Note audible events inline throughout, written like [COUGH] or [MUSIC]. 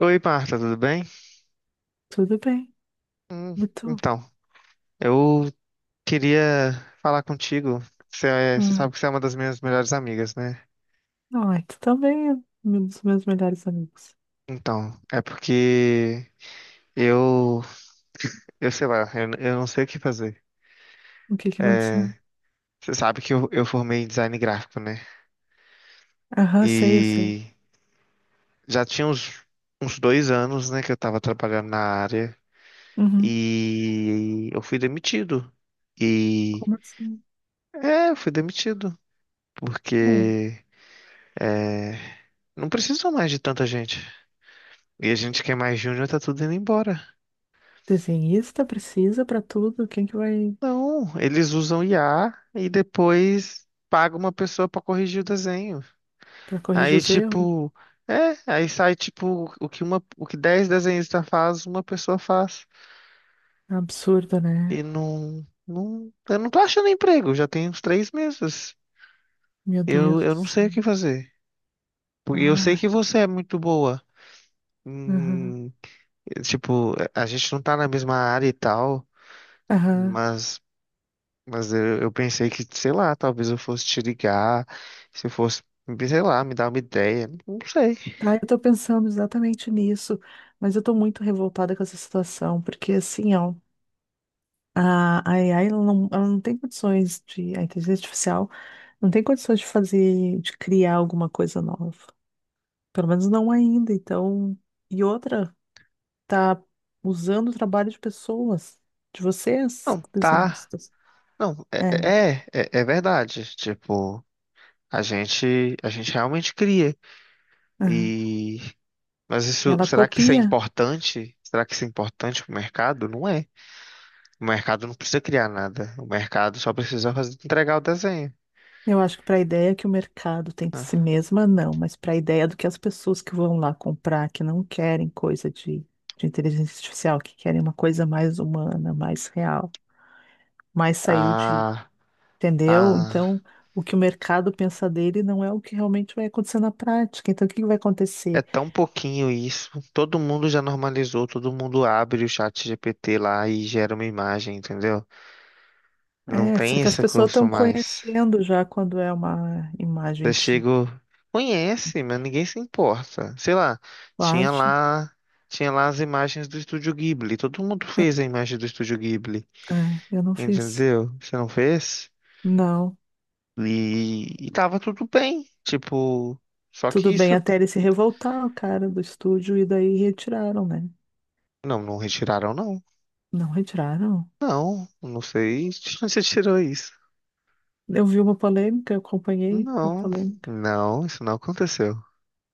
Oi, Marta, tudo bem? Tudo bem. Hum, E tu? então, eu queria falar contigo. Você, você Ah, sabe que você é uma das minhas melhores amigas, né? não, é, tu também é um dos meus melhores amigos. Então, é porque eu, eu sei lá, eu não sei o que fazer. O que que aconteceu? É, você sabe que eu formei em design gráfico, né? Aham, sei, eu sei. E já tinha uns 2 anos, né, que eu tava trabalhando na área Uhum. e eu fui demitido. E Como assim? é, eu fui demitido Bom, porque não precisam mais de tanta gente. E a gente que é mais júnior tá tudo indo embora. desenhista precisa pra tudo. Quem que vai Não, eles usam IA e depois paga uma pessoa pra corrigir o desenho. pra corrigir Aí os erros? tipo, aí sai tipo o que uma, o que 10 desenhistas faz, uma pessoa faz. Absurdo, E né? não, não, eu não tô achando emprego, já tem uns 3 meses. Meu Eu, Deus eu do não sei céu. o que fazer. Porque eu sei Ai, que você é muito boa. aham, Hum, tipo, a gente não tá na mesma área e tal, aham. mas Mas eu pensei que, sei lá, talvez eu fosse te ligar, se eu fosse, sei lá, me dar uma ideia. Não sei. Tá, eu tô pensando exatamente nisso, mas eu tô muito revoltada com essa situação, porque assim, ó, a AI, ela não tem condições de, a inteligência artificial não tem condições de fazer, de criar alguma coisa nova. Pelo menos não ainda. Então, e outra, tá usando o trabalho de pessoas, de vocês, Não, tá. desenhistas. Não, É. é verdade. Tipo, a gente realmente cria. Aham. E, mas E isso, ela será que isso é copia. importante? Será que isso é importante pro mercado? Não é. O mercado não precisa criar nada. O mercado só precisa fazer, entregar o desenho. Eu acho que para a ideia que o mercado tem de si mesma, não, mas para a ideia do que as pessoas que vão lá comprar, que não querem coisa de inteligência artificial, que querem uma coisa mais humana, mais real, mais saiu. A, a Entendeu? Então, o que o mercado pensa dele não é o que realmente vai acontecer na prática. Então, o que que vai É acontecer? tão pouquinho isso. Todo mundo já normalizou, todo mundo abre o chat GPT lá e gera uma imagem, entendeu? Não É, só tem que as esse pessoas curso estão mais. conhecendo já quando é uma Eu imagem de chego, conhece, mas ninguém se importa. Sei lá, tinha baixa. lá, tinha lá as imagens do Estúdio Ghibli. Todo mundo fez a imagem do Estúdio Ghibli, É, eu não fiz. entendeu? Você não fez? Não. E tava tudo bem. Tipo, só que Tudo bem, isso, até ele se revoltar, o cara do estúdio, e daí retiraram, né? não, não retiraram não. Não retiraram. Não, não sei [LAUGHS] de onde você tirou isso. Eu vi uma polêmica, eu acompanhei a Não, polêmica. não, isso não aconteceu.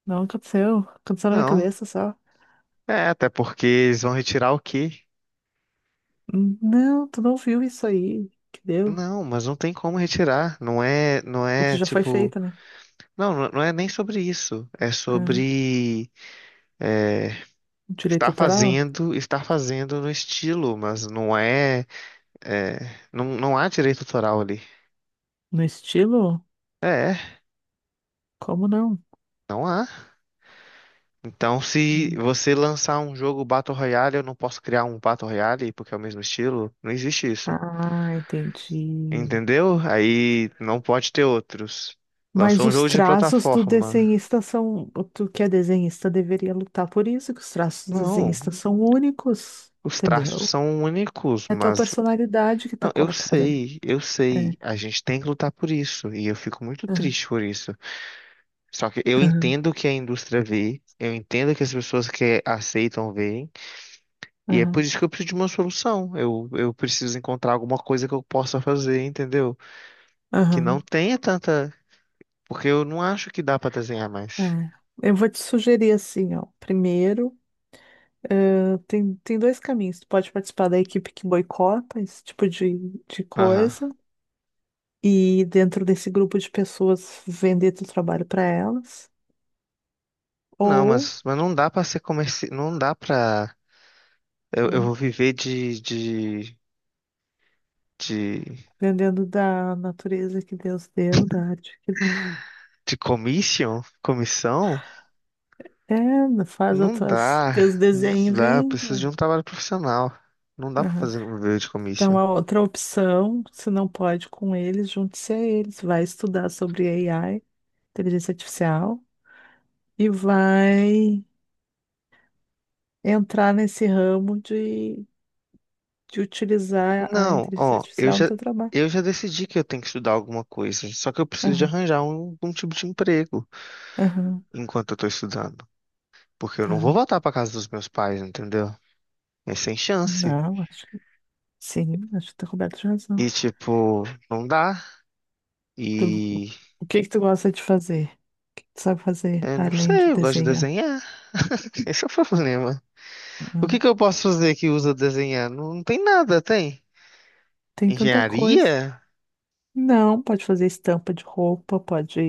Não aconteceu. Aconteceu na minha Não. cabeça só. É, até porque eles vão retirar o quê? Não, tu não viu isso aí que deu. Não, mas não tem como retirar. Não é, não O que é já foi tipo, feito, né? não, não não é nem sobre isso. É É. sobre Direito estar autoral? fazendo, estar fazendo no estilo, mas não é, é, não, não há direito autoral ali. No estilo? É, Como não? não há. Então, se Hum. você lançar um jogo Battle Royale, eu não posso criar um Battle Royale porque é o mesmo estilo. Não existe isso. Ah, entendi. Entendeu? Aí não pode ter outros. Mas Lançou um os jogo de traços do plataforma. desenhista são. O Tu que é desenhista deveria lutar por isso, que os traços do Não, desenhista são únicos, os traços entendeu? são únicos, É a tua mas. personalidade que tá Não, eu colocada ali. sei, eu É. sei. A gente tem que lutar por isso. E eu fico muito Aham, triste por isso. Só que eu aham, entendo o que a indústria vê, eu entendo que as pessoas que aceitam veem, e é por aham, isso que eu preciso de uma solução. Eu preciso encontrar alguma coisa que eu possa fazer, entendeu? Que não aham. tenha tanta. Porque eu não acho que dá pra desenhar É. mais. Eu vou te sugerir assim, ó. Primeiro, tem dois caminhos. Tu pode participar da equipe que boicota esse tipo de Aham. coisa, e dentro desse grupo de pessoas vender teu trabalho para elas, Não, ou mas não dá pra ser comerci... não dá pra... Eu hum, vou viver de, de, vendendo da natureza que Deus deu, da arte que de commission, comissão? é, faz Não dá, teus não desenhos e dá, eu vende, preciso ué. de um trabalho profissional. Não dá pra Aham. fazer viver de commission. Então, a outra opção, se não pode com eles, junte-se a eles, vai estudar sobre AI, inteligência artificial, e vai entrar nesse ramo de utilizar a Não, inteligência ó, eu artificial no já, teu trabalho. eu já decidi que eu tenho que estudar alguma coisa, só que eu preciso de Aham, arranjar um tipo de emprego aham, enquanto eu tô estudando, porque eu não vou tá. voltar pra casa dos meus pais, entendeu? É sem chance. Não, acho. Sim, acho que tá coberto de razão. E, tipo, não dá. Tu- E o que que tu gosta de fazer? O que que tu sabe fazer não além de sei, eu gosto de desenhar? desenhar. Esse é o problema. O Ah, que que eu posso fazer que usa desenhar? Não, não tem nada, tem. tem tanta coisa. Engenharia? Não, pode fazer estampa de roupa, pode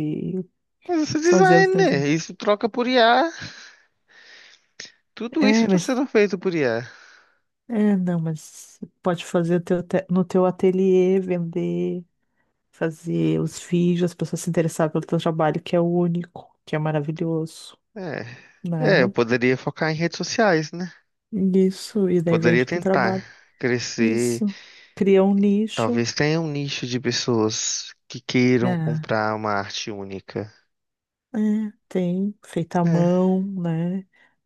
Mas isso é fazer os design, desenhos. né? Isso troca por IA. Tudo isso É, está mas sendo feito por IA. é, não, mas pode fazer no teu ateliê, vender, fazer os vídeos, as pessoas se interessarem pelo teu trabalho, que é único, que é maravilhoso, É. É, eu né? poderia focar em redes sociais, né? Isso, e daí Poderia vende o teu tentar trabalho. crescer. Isso. Cria um nicho, Talvez tenha um nicho de pessoas que queiram né? comprar uma arte única. É, tem, feita à É. mão, né?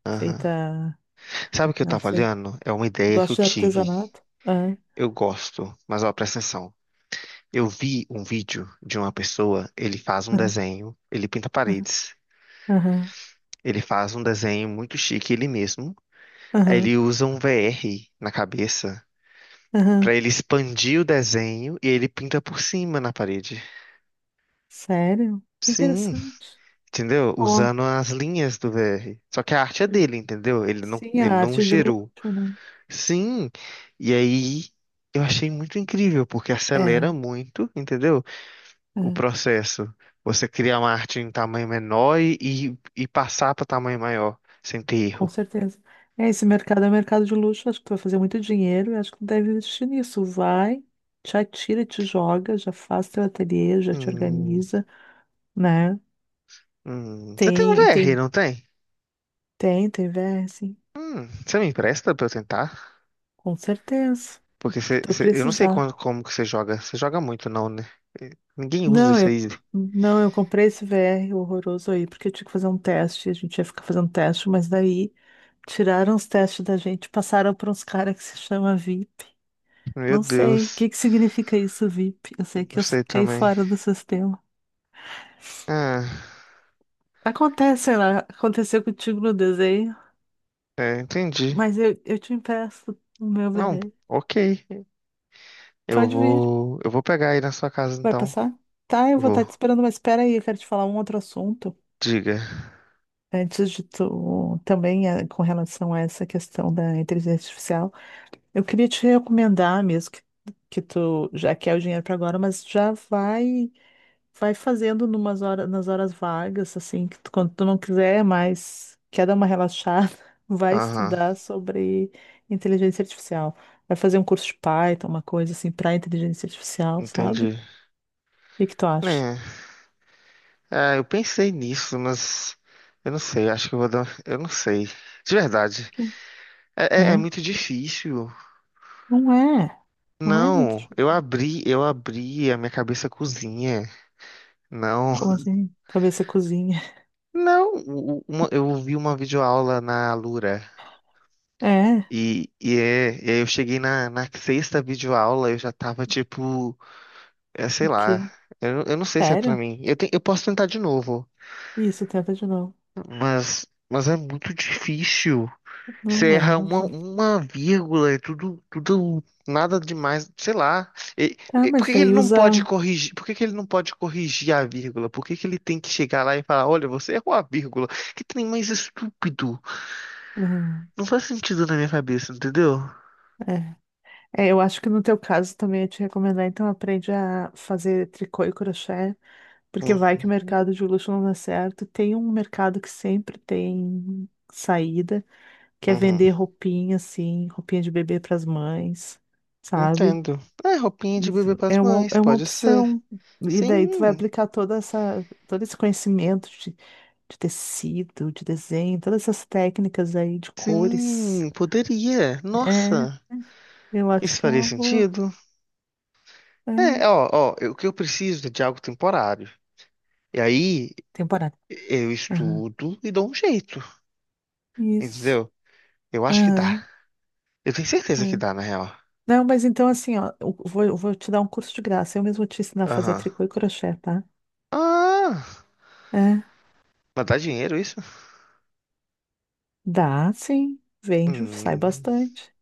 Feita, Sabe o que eu não tava sei. olhando? É uma ideia que Gosto eu de tive. artesanato. Ah, Eu gosto, mas ó, presta atenção. Eu vi um vídeo de uma pessoa, ele faz um ah, desenho, ele pinta ah, paredes, aham, ele faz um desenho muito chique ele mesmo, aí aham, ele usa um VR na cabeça aham. pra ele expandir o desenho e ele pinta por cima na parede. Sério? Que Sim, interessante. entendeu? Ó, Usando as linhas do VR. Só que a arte é dele, entendeu? Ele não, sim, a ele não arte de gerou. luxo, né? Sim, e aí eu achei muito incrível porque É, acelera muito, entendeu? O é, processo. Você cria uma arte em tamanho menor e passar para tamanho maior, sem ter com erro. certeza. É, esse mercado é um mercado de luxo, acho que tu vai fazer muito dinheiro e acho que tu deve investir nisso. Vai, te atira, te joga, já faz teu ateliê, já te Hum, organiza, né? Você tem um Tem, VR, tem, não tem? tem, VS. Você me empresta pra eu tentar? Com certeza. O Porque que você, tu você- eu não sei precisar. como que você joga. Você joga muito, não, né? Ninguém usa Não, isso eu aí. não, eu comprei esse VR horroroso aí, porque eu tinha que fazer um teste, a gente ia ficar fazendo teste, mas daí tiraram os testes da gente, passaram para uns caras que se chama VIP. Meu Não sei o Deus. que que significa isso, VIP. Eu sei que Não eu sei caí também. fora do sistema. Ah, Acontece, sei lá, aconteceu contigo no desenho, entendi. mas eu te empresto o meu Não, VR. ok. Eu Pode vir. vou, eu vou pegar aí na sua casa, Vai então. passar? Tá, eu vou Vou. estar te esperando, mas espera aí, eu quero te falar um outro assunto. Diga. Antes de tu, também com relação a essa questão da inteligência artificial, eu queria te recomendar mesmo que tu já quer o dinheiro para agora, mas já vai fazendo numas horas, nas horas vagas, assim, que quando tu não quiser mais, quer dar uma relaxada, [LAUGHS] vai Aham, estudar sobre inteligência artificial. Vai fazer um curso de Python, uma coisa assim, para inteligência artificial, sabe? O entendi. que que tu acha? Né? É, eu pensei nisso, mas eu não sei, acho que eu vou dar. Eu não sei. De verdade. Ok. É É? muito difícil. Não é, não é muito Não, eu difícil. abri, eu abri a minha cabeça cozinha. Não. Como [LAUGHS] assim? Cabeça cozinha. Não, eu vi uma videoaula na Alura. [LAUGHS] É. E aí eu cheguei na sexta videoaula, eu já tava tipo, sei O lá, quê? eu não sei se é pra Sério? mim. Eu posso tentar de novo, Isso, tenta de novo. mas, mas é muito difícil. Não Você é, erra não uma, fala. uma vírgula, é tudo, tudo, nada demais, sei lá. E- Tá, e por mas que que ele daí não pode usa. corrigir? Por que que ele não pode corrigir a vírgula? Por que que ele tem que chegar lá e falar, olha, você errou a vírgula? Que trem mais estúpido. Hum, Não faz sentido na minha cabeça, entendeu? é. É, eu acho que no teu caso também ia te recomendar, então aprende a fazer tricô e crochê, porque vai que o Uhum, mercado de luxo não dá certo. Tem um mercado que sempre tem saída, que é uhum. vender roupinha, assim, roupinha de bebê para as mães, sabe? Entendo. É, roupinha de bebê Isso para as é uma, mães, é uma pode ser. opção. E daí tu vai Sim, aplicar todo esse conhecimento de tecido, de desenho, todas essas técnicas aí de cores. sim, poderia. É, Nossa, eu acho isso que é faria uma boa. sentido? É, É, ó, ó, o que eu preciso é de algo temporário. E aí, temporada. eu Aham. estudo e dou um jeito, Isso. entendeu? Eu acho que dá. Aham. Eu tenho certeza que É. dá, na real. Não, mas então assim, ó, eu vou te dar um curso de graça. Eu mesmo te ensinar a fazer Aham. tricô e crochê, tá? Ah, É. mas dá dinheiro isso? Dá, sim. Vende, sai Hum, bastante.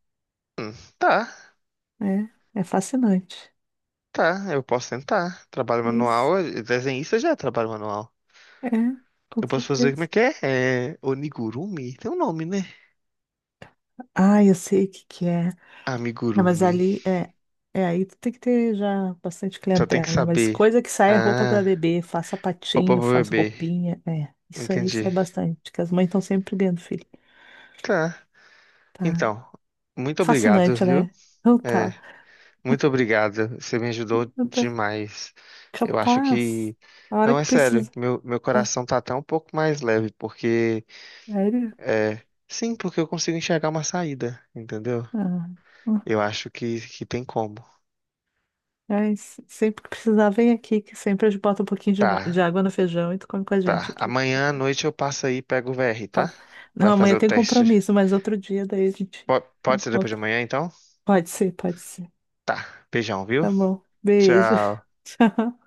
hum, tá, É, é fascinante. tá. Eu posso tentar. Trabalho Isso. manual, desenhista já é trabalho manual. É, com Eu posso fazer como é certeza. que é? É onigurumi? Tem um nome, né? Ah, eu sei o que que é. Não, mas Amigurumi. ali é aí tu tem que ter já bastante Só tem que clientela, mas saber. coisa que sai é roupa Ah, para bebê, faz roupa sapatinho, pra faz bebê. roupinha, é, isso aí sai Entendi. bastante, que as mães estão sempre vendo filho. Tá. Tá. Então, muito obrigado, Fascinante, viu? né? Não É, tá. Muito obrigado, você me ajudou Não tá. demais. Eu acho Capaz. que, A hora não é que sério, precisa. meu Ah, coração tá até um pouco mais leve, porque, sério? é, sim, porque eu consigo enxergar uma saída, entendeu? Ah, ah. Eu acho que, tem como. É, sempre que precisar, vem aqui, que sempre a gente bota um pouquinho de Tá, água no feijão e tu come com a gente tá. aqui. Amanhã à noite eu passo aí e pego o VR, tá? Pode. Não, Vai fazer amanhã o tem teste. compromisso, mas outro dia daí a gente Po- se pode ser depois de encontra. amanhã, então? Pode ser, pode ser. Tá, beijão, viu? Tá bom. Beijo. Tchau. [LAUGHS] Tchau.